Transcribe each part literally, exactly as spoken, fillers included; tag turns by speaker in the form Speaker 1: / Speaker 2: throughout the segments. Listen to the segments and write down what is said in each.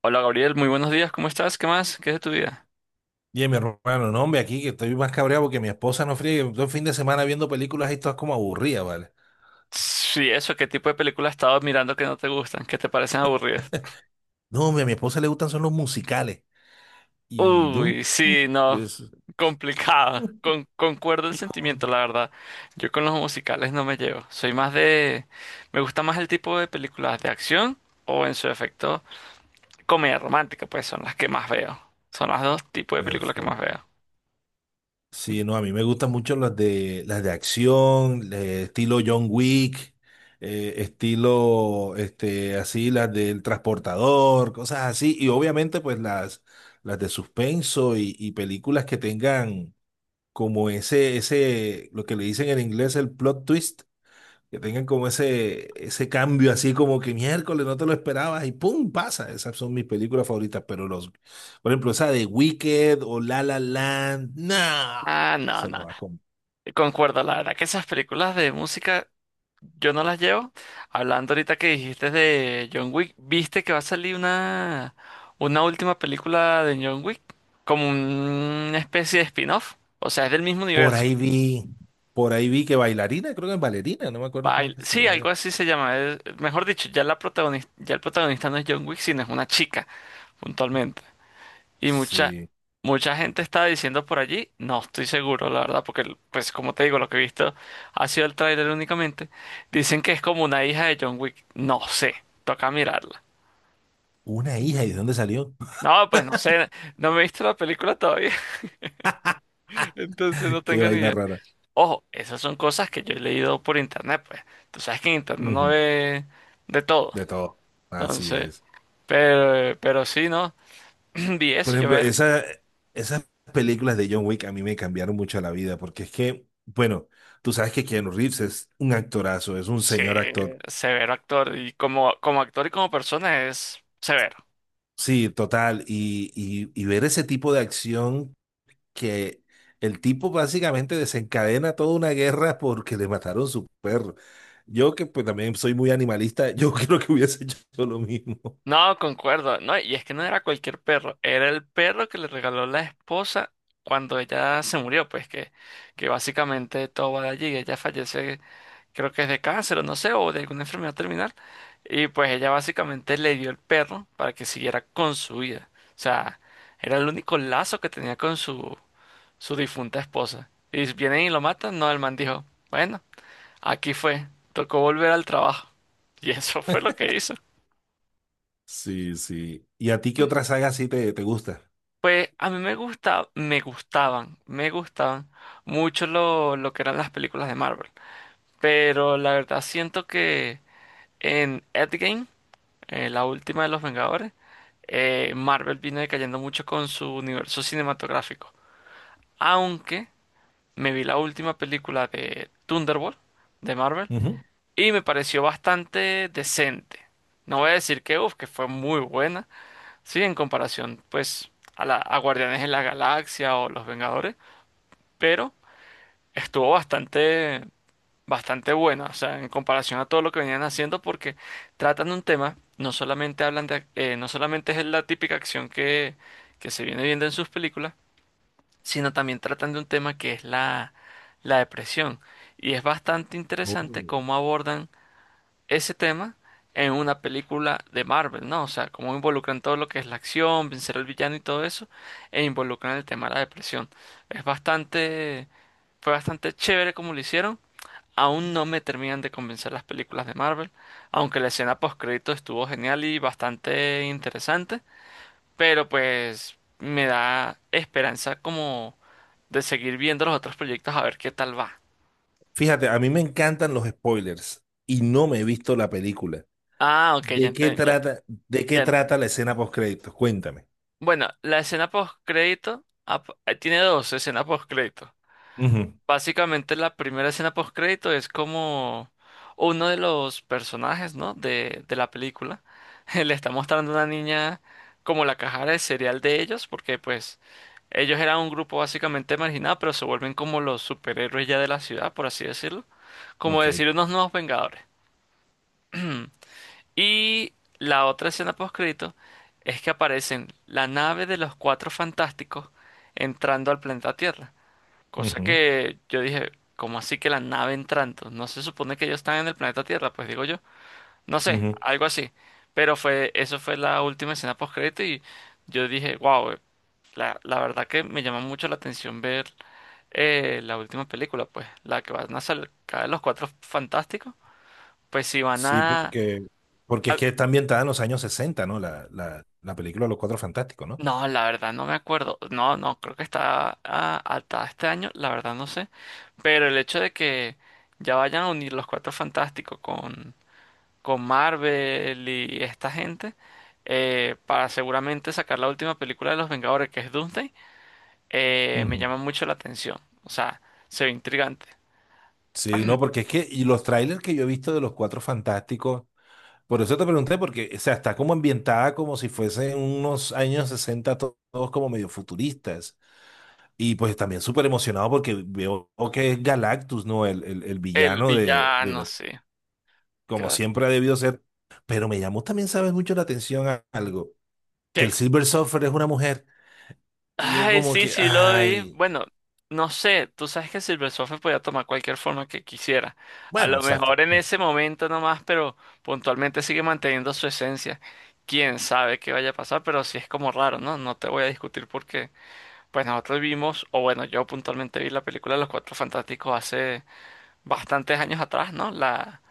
Speaker 1: Hola Gabriel, muy buenos días, ¿cómo estás? ¿Qué más? ¿Qué es de tu vida?
Speaker 2: Y mi hermano, no, hombre, aquí que estoy más cabreado porque mi esposa no fríe. Todo el fin de semana viendo películas y todas como aburridas, ¿vale?
Speaker 1: Sí, eso, ¿qué tipo de películas has estado mirando que no te gustan, que te parecen aburridas?
Speaker 2: No, hombre, a mi esposa le gustan son los musicales. Y no,
Speaker 1: Uy, sí, no,
Speaker 2: pues,
Speaker 1: complicado. Con, concuerdo el sentimiento, la verdad. Yo con los musicales no me llevo. Soy más de... Me gusta más el tipo de películas de acción o en su efecto comedia romántica, pues son las que más veo. Son los dos tipos de películas que más
Speaker 2: perfecto.
Speaker 1: veo.
Speaker 2: Sí, no, a mí me gustan mucho las de las de acción, de estilo John Wick, eh, estilo este así las del transportador, cosas así y obviamente pues las las de suspenso y, y películas que tengan como ese, ese, lo que le dicen en inglés el plot twist, que tengan como ese, ese cambio así como que miércoles no te lo esperabas y ¡pum! Pasa. Esas son mis películas favoritas, pero los, por ejemplo, esa de Wicked o La La Land, no,
Speaker 1: Ah, no,
Speaker 2: eso no
Speaker 1: no.
Speaker 2: va con.
Speaker 1: Concuerdo, la verdad, que esas películas de música yo no las llevo. Hablando ahorita que dijiste de John Wick, ¿viste que va a salir una, una última película de John Wick? Como una especie de spin-off. O sea, es del mismo
Speaker 2: Por
Speaker 1: universo.
Speaker 2: ahí vi, por ahí vi que bailarina, creo que es bailarina, no me acuerdo cómo es
Speaker 1: Bail-
Speaker 2: que se le
Speaker 1: sí, algo
Speaker 2: vaya.
Speaker 1: así se llama. Es- mejor dicho, ya la protagonista, ya el protagonista no es John Wick, sino es una chica, puntualmente. Y mucha,
Speaker 2: Sí,
Speaker 1: mucha gente está diciendo por allí, no estoy seguro, la verdad, porque pues como te digo, lo que he visto ha sido el tráiler únicamente. Dicen que es como una hija de John Wick. No sé, toca mirarlo.
Speaker 2: una hija, ¿y de dónde salió?
Speaker 1: No, pues no sé, no me he visto la película todavía, entonces no
Speaker 2: Qué
Speaker 1: tengo ni
Speaker 2: vaina
Speaker 1: idea.
Speaker 2: rara.
Speaker 1: Ojo, esas son cosas que yo he leído por internet, pues. Tú sabes que en internet uno
Speaker 2: Ujú,
Speaker 1: ve de todo.
Speaker 2: de todo, así
Speaker 1: Entonces,
Speaker 2: es.
Speaker 1: pero, pero sí, ¿no? Vi
Speaker 2: Por
Speaker 1: eso y yo
Speaker 2: ejemplo,
Speaker 1: ver.
Speaker 2: esa, esas películas de John Wick a mí me cambiaron mucho la vida, porque es que, bueno, tú sabes que Keanu Reeves es un actorazo, es un
Speaker 1: Sí,
Speaker 2: señor actor.
Speaker 1: severo actor. Y como, como actor y como persona es severo.
Speaker 2: Sí, total. Y, y, y ver ese tipo de acción que el tipo básicamente desencadena toda una guerra porque le mataron su perro. Yo que pues también soy muy animalista, yo creo que hubiese hecho lo mismo.
Speaker 1: No, concuerdo. No, y es que no era cualquier perro, era el perro que le regaló la esposa cuando ella se murió, pues que, que básicamente todo va de allí, ella fallece creo que es de cáncer o no sé, o de alguna enfermedad terminal. Y pues ella básicamente le dio el perro para que siguiera con su vida. O sea, era el único lazo que tenía con su, su difunta esposa. Y si vienen y lo matan, no, el man dijo, bueno, aquí fue, tocó volver al trabajo. Y eso fue lo que hizo.
Speaker 2: Sí, sí. ¿Y a ti qué otra saga sí te, te gusta?
Speaker 1: Pues a mí me gusta, me gustaban, me gustaban mucho lo, lo que eran las películas de Marvel. Pero la verdad siento que en Endgame, eh, la última de los Vengadores, eh, Marvel vino decayendo mucho con su universo cinematográfico. Aunque me vi la última película de Thunderbolt de Marvel
Speaker 2: Ujú.
Speaker 1: y me pareció bastante decente. No voy a decir que, uf, que fue muy buena, sí, en comparación pues a, la, a Guardianes de la Galaxia o Los Vengadores, pero estuvo bastante bastante buena, o sea, en comparación a todo lo que venían haciendo, porque tratan un tema, no solamente hablan de, eh, no solamente es la típica acción que, que se viene viendo en sus películas, sino también tratan de un tema que es la, la depresión. Y es bastante
Speaker 2: Oh.
Speaker 1: interesante cómo abordan ese tema en una película de Marvel, ¿no? O sea, cómo involucran todo lo que es la acción, vencer al villano y todo eso, e involucran el tema de la depresión. Es bastante, fue bastante chévere como lo hicieron. Aún no me terminan de convencer las películas de Marvel, aunque la escena postcrédito estuvo genial y bastante interesante, pero pues me da esperanza como de seguir viendo los otros proyectos a ver qué tal va.
Speaker 2: Fíjate, a mí me encantan los spoilers y no me he visto la película.
Speaker 1: Ah, ok, ya
Speaker 2: ¿De qué
Speaker 1: enten- ya,
Speaker 2: trata, de qué
Speaker 1: ya enten-
Speaker 2: trata la escena post créditos? Cuéntame.
Speaker 1: bueno, la escena postcrédito ap- tiene dos escenas postcrédito.
Speaker 2: Ujú,
Speaker 1: Básicamente la primera escena post crédito es como uno de los personajes, ¿no? De, de la película. Le está mostrando a una niña como la cajara de cereal de ellos, porque pues ellos eran un grupo básicamente marginado, pero se vuelven como los superhéroes ya de la ciudad, por así decirlo. Como
Speaker 2: ok.
Speaker 1: decir unos nuevos Vengadores. Y la otra escena post crédito es que aparecen la nave de los Cuatro Fantásticos entrando al planeta Tierra. Cosa
Speaker 2: Ujú,
Speaker 1: que yo dije, ¿cómo así que la nave entrando? No se supone que ellos están en el planeta Tierra, pues digo yo. No sé,
Speaker 2: ujú.
Speaker 1: algo así. Pero fue, eso fue la última escena post y yo dije, wow, la, la verdad que me llama mucho la atención ver eh, la última película, pues, la que van a sacar los Cuatro Fantásticos, pues si van
Speaker 2: Sí,
Speaker 1: a,
Speaker 2: porque, porque es
Speaker 1: a
Speaker 2: que está ambientada en los años sesenta, ¿no? La, la, la película de Los Cuatro Fantásticos, ¿no?
Speaker 1: no, la verdad no me acuerdo. No, no, creo que está ah, hasta este año, la verdad no sé. Pero el hecho de que ya vayan a unir los Cuatro Fantásticos con, con Marvel y esta gente, eh, para seguramente sacar la última película de los Vengadores, que es Doomsday, eh, me
Speaker 2: Ujú.
Speaker 1: llama mucho la atención. O sea, se ve intrigante.
Speaker 2: Sí, no, porque es que, y los trailers que yo he visto de Los Cuatro Fantásticos, por eso te pregunté, porque, o sea, está como ambientada como si fuesen unos años sesenta to- todos como medio futuristas. Y pues también súper emocionado porque veo que es Galactus, ¿no? El, el, el
Speaker 1: El
Speaker 2: villano de, de-
Speaker 1: villano,
Speaker 2: de-
Speaker 1: sí.
Speaker 2: como
Speaker 1: ¿Qué?
Speaker 2: siempre ha debido ser. Pero me llamó también, ¿sabes? Mucho la atención a- algo, que
Speaker 1: ¿Qué?
Speaker 2: el Silver Surfer es una mujer. Y yo
Speaker 1: Ay,
Speaker 2: como
Speaker 1: sí,
Speaker 2: que,
Speaker 1: sí lo vi.
Speaker 2: ay,
Speaker 1: Bueno, no sé, tú sabes que Silver Surfer podía tomar cualquier forma que quisiera. A
Speaker 2: bueno,
Speaker 1: lo
Speaker 2: exacto.
Speaker 1: mejor en ese momento nomás, pero puntualmente sigue manteniendo su esencia. Quién sabe qué vaya a pasar, pero sí es como raro, ¿no? No te voy a discutir porque, pues nosotros vimos, o bueno, yo puntualmente vi la película de Los Cuatro Fantásticos hace bastantes años atrás, ¿no? La,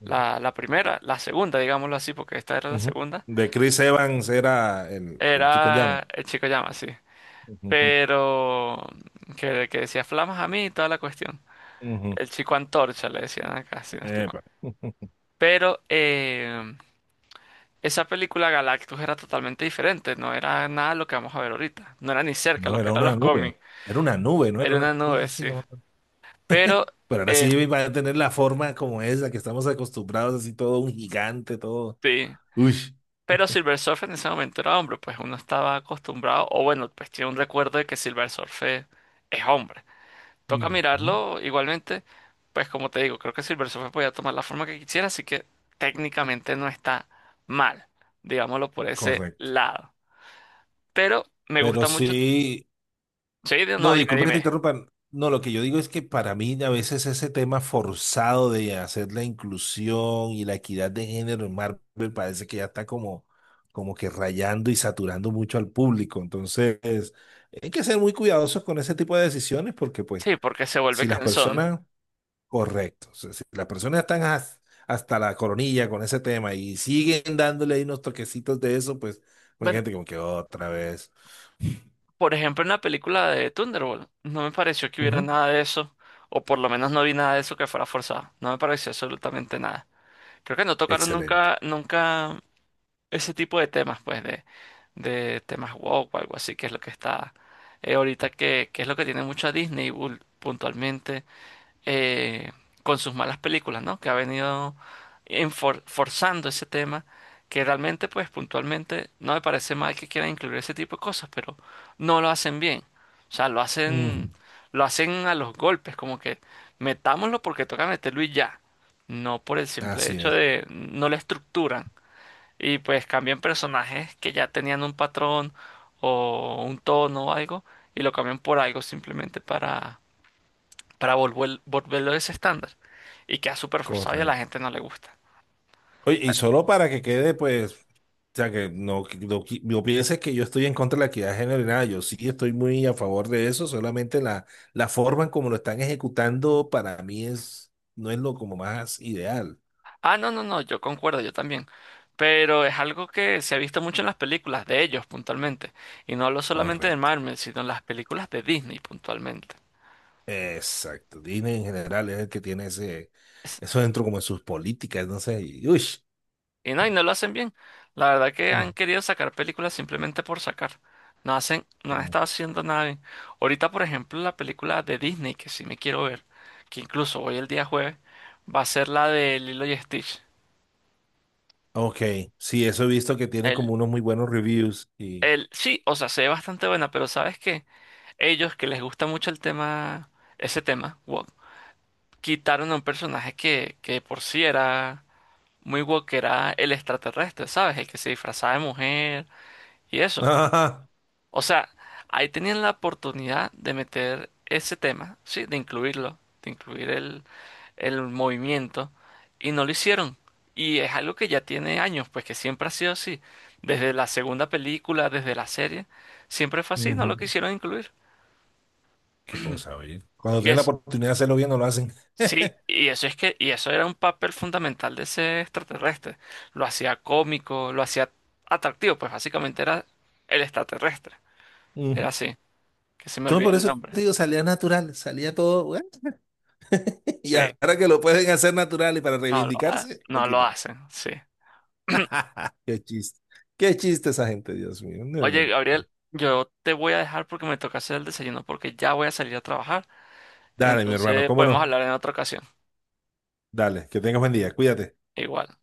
Speaker 2: Ujú,
Speaker 1: la, la primera, la segunda, digámoslo así, porque esta era la
Speaker 2: ujú.
Speaker 1: segunda.
Speaker 2: De Chris Evans era el, el chico en
Speaker 1: Era
Speaker 2: llamas.
Speaker 1: El Chico Llama, sí.
Speaker 2: Ujú,
Speaker 1: Pero que, que decía flamas a mí y toda la cuestión.
Speaker 2: ujú.
Speaker 1: El chico antorcha le decían acá, si no estoy mal.
Speaker 2: Epa.
Speaker 1: Pero eh, esa película Galactus era totalmente diferente, no era nada lo que vamos a ver ahorita. No era ni cerca
Speaker 2: No,
Speaker 1: lo que
Speaker 2: era
Speaker 1: eran
Speaker 2: una
Speaker 1: los
Speaker 2: nube.
Speaker 1: cómics.
Speaker 2: Era una nube, ¿no? Era
Speaker 1: Era
Speaker 2: una
Speaker 1: una
Speaker 2: cosa
Speaker 1: nube,
Speaker 2: así,
Speaker 1: sí.
Speaker 2: no me acuerdo.
Speaker 1: Pero,
Speaker 2: Pero ahora
Speaker 1: eh,
Speaker 2: sí va a tener la forma como esa que estamos acostumbrados, así todo un gigante, todo.
Speaker 1: sí.
Speaker 2: Uy,
Speaker 1: Pero Silver Surfer en ese momento era hombre, pues uno estaba acostumbrado, o bueno, pues tiene un recuerdo de que Silver Surfer es hombre. Toca
Speaker 2: ujú,
Speaker 1: mirarlo igualmente. Pues como te digo, creo que Silver Surfer podía tomar la forma que quisiera, así que técnicamente no está mal, digámoslo por ese
Speaker 2: correcto.
Speaker 1: lado. Pero me gusta
Speaker 2: Pero
Speaker 1: mucho.
Speaker 2: sí,
Speaker 1: Sí, di- no,
Speaker 2: no,
Speaker 1: dime,
Speaker 2: disculpa que te
Speaker 1: dime.
Speaker 2: interrumpan. No, lo que yo digo es que para mí a veces ese tema forzado de hacer la inclusión y la equidad de género en Marvel parece que ya está como, como que rayando y saturando mucho al público. Entonces, hay que ser muy cuidadosos con ese tipo de decisiones porque pues
Speaker 1: Sí, porque se vuelve
Speaker 2: si las
Speaker 1: cansón.
Speaker 2: personas correcto. O sea, si las personas están has- hasta la coronilla con ese tema y siguen dándole ahí unos toquecitos de eso, pues hay
Speaker 1: Bueno,
Speaker 2: gente como que otra vez.
Speaker 1: por ejemplo, en la película de Thunderbolt, no me pareció que hubiera
Speaker 2: Ujú.
Speaker 1: nada de eso, o por lo menos no vi nada de eso que fuera forzado. No me pareció absolutamente nada. Creo que no tocaron
Speaker 2: Excelente.
Speaker 1: nunca, nunca ese tipo de temas, pues, de, de temas woke o algo así, que es lo que está eh, ahorita, que, que es lo que tiene mucho a Disney ul- puntualmente, eh, con sus malas películas, ¿no? Que ha venido enfor- forzando ese tema, que realmente, pues, puntualmente no me parece mal que quieran incluir ese tipo de cosas, pero no lo hacen bien. O sea, lo
Speaker 2: Ujú.
Speaker 1: hacen, lo hacen a los golpes, como que metámoslo porque toca meterlo y ya. No por el simple
Speaker 2: Así
Speaker 1: hecho
Speaker 2: es,
Speaker 1: de, no la estructuran y pues cambian personajes que ya tenían un patrón o un tono o algo y lo cambian por algo simplemente para, para volver, volverlo ese estándar y queda súper forzado y a la
Speaker 2: correcto.
Speaker 1: gente no le gusta.
Speaker 2: Oye, y solo para que quede, pues, o sea, que no, que no, qui- no pienses que yo estoy en contra de la equidad de género y nada, yo sí estoy muy a favor de eso, solamente la, la forma en como lo están ejecutando para mí es, no es lo como más ideal.
Speaker 1: Ah, no, no, no, yo concuerdo, yo también. Pero es algo que se ha visto mucho en las películas de ellos puntualmente. Y no hablo solamente de
Speaker 2: Correcto.
Speaker 1: Marvel, sino en las películas de Disney puntualmente.
Speaker 2: Exacto. Disney en general es el que tiene ese, eso dentro como en sus políticas, no sé, y, uy,
Speaker 1: Y no, y no lo hacen bien. La verdad que
Speaker 2: mm,
Speaker 1: han querido sacar películas simplemente por sacar. No hacen, no han
Speaker 2: como-
Speaker 1: estado haciendo nada bien. Ahorita, por ejemplo, la película de Disney, que sí me quiero ver, que incluso hoy el día jueves, va a ser la de Lilo y Stitch.
Speaker 2: ok, sí, eso he visto que tiene como
Speaker 1: El,
Speaker 2: unos muy buenos reviews y...
Speaker 1: el, sí, o sea, se ve bastante buena, pero ¿sabes qué? Ellos que les gusta mucho el tema, ese tema, woke, quitaron a un personaje que, que de por sí era muy woke, que era el extraterrestre, ¿sabes? El que se disfrazaba de mujer y eso.
Speaker 2: ajá,
Speaker 1: O sea, ahí tenían la oportunidad de meter ese tema, ¿sí? De incluirlo, de incluir el, el movimiento, y no lo hicieron. Y es algo que ya tiene años, pues que siempre ha sido así. Desde la segunda película, desde la serie, siempre fue así, no lo
Speaker 2: ujú.
Speaker 1: quisieron incluir.
Speaker 2: Qué cosa, oye. Cuando
Speaker 1: Y
Speaker 2: tienen la
Speaker 1: es,
Speaker 2: oportunidad de hacerlo bien, no lo hacen.
Speaker 1: sí, y eso es que, y eso era un papel fundamental de ese extraterrestre. Lo hacía cómico, lo hacía atractivo, pues básicamente era el extraterrestre. Era
Speaker 2: Ujú.
Speaker 1: así, que se me
Speaker 2: Entonces,
Speaker 1: olvida
Speaker 2: por
Speaker 1: el
Speaker 2: eso
Speaker 1: nombre.
Speaker 2: te digo, salía natural, salía todo, bueno, y
Speaker 1: Sí.
Speaker 2: ahora que lo pueden hacer natural y para
Speaker 1: No lo, ha-
Speaker 2: reivindicarse, lo
Speaker 1: no lo
Speaker 2: quitan.
Speaker 1: hacen, sí.
Speaker 2: Qué chiste, qué chiste esa gente, Dios mío. No, no,
Speaker 1: Oye,
Speaker 2: no.
Speaker 1: Gabriel, yo te voy a dejar porque me toca hacer el desayuno porque ya voy a salir a trabajar.
Speaker 2: Dale, mi hermano,
Speaker 1: Entonces
Speaker 2: cómo
Speaker 1: podemos
Speaker 2: no.
Speaker 1: hablar en otra ocasión.
Speaker 2: Dale, que tengas buen día, cuídate.
Speaker 1: Igual.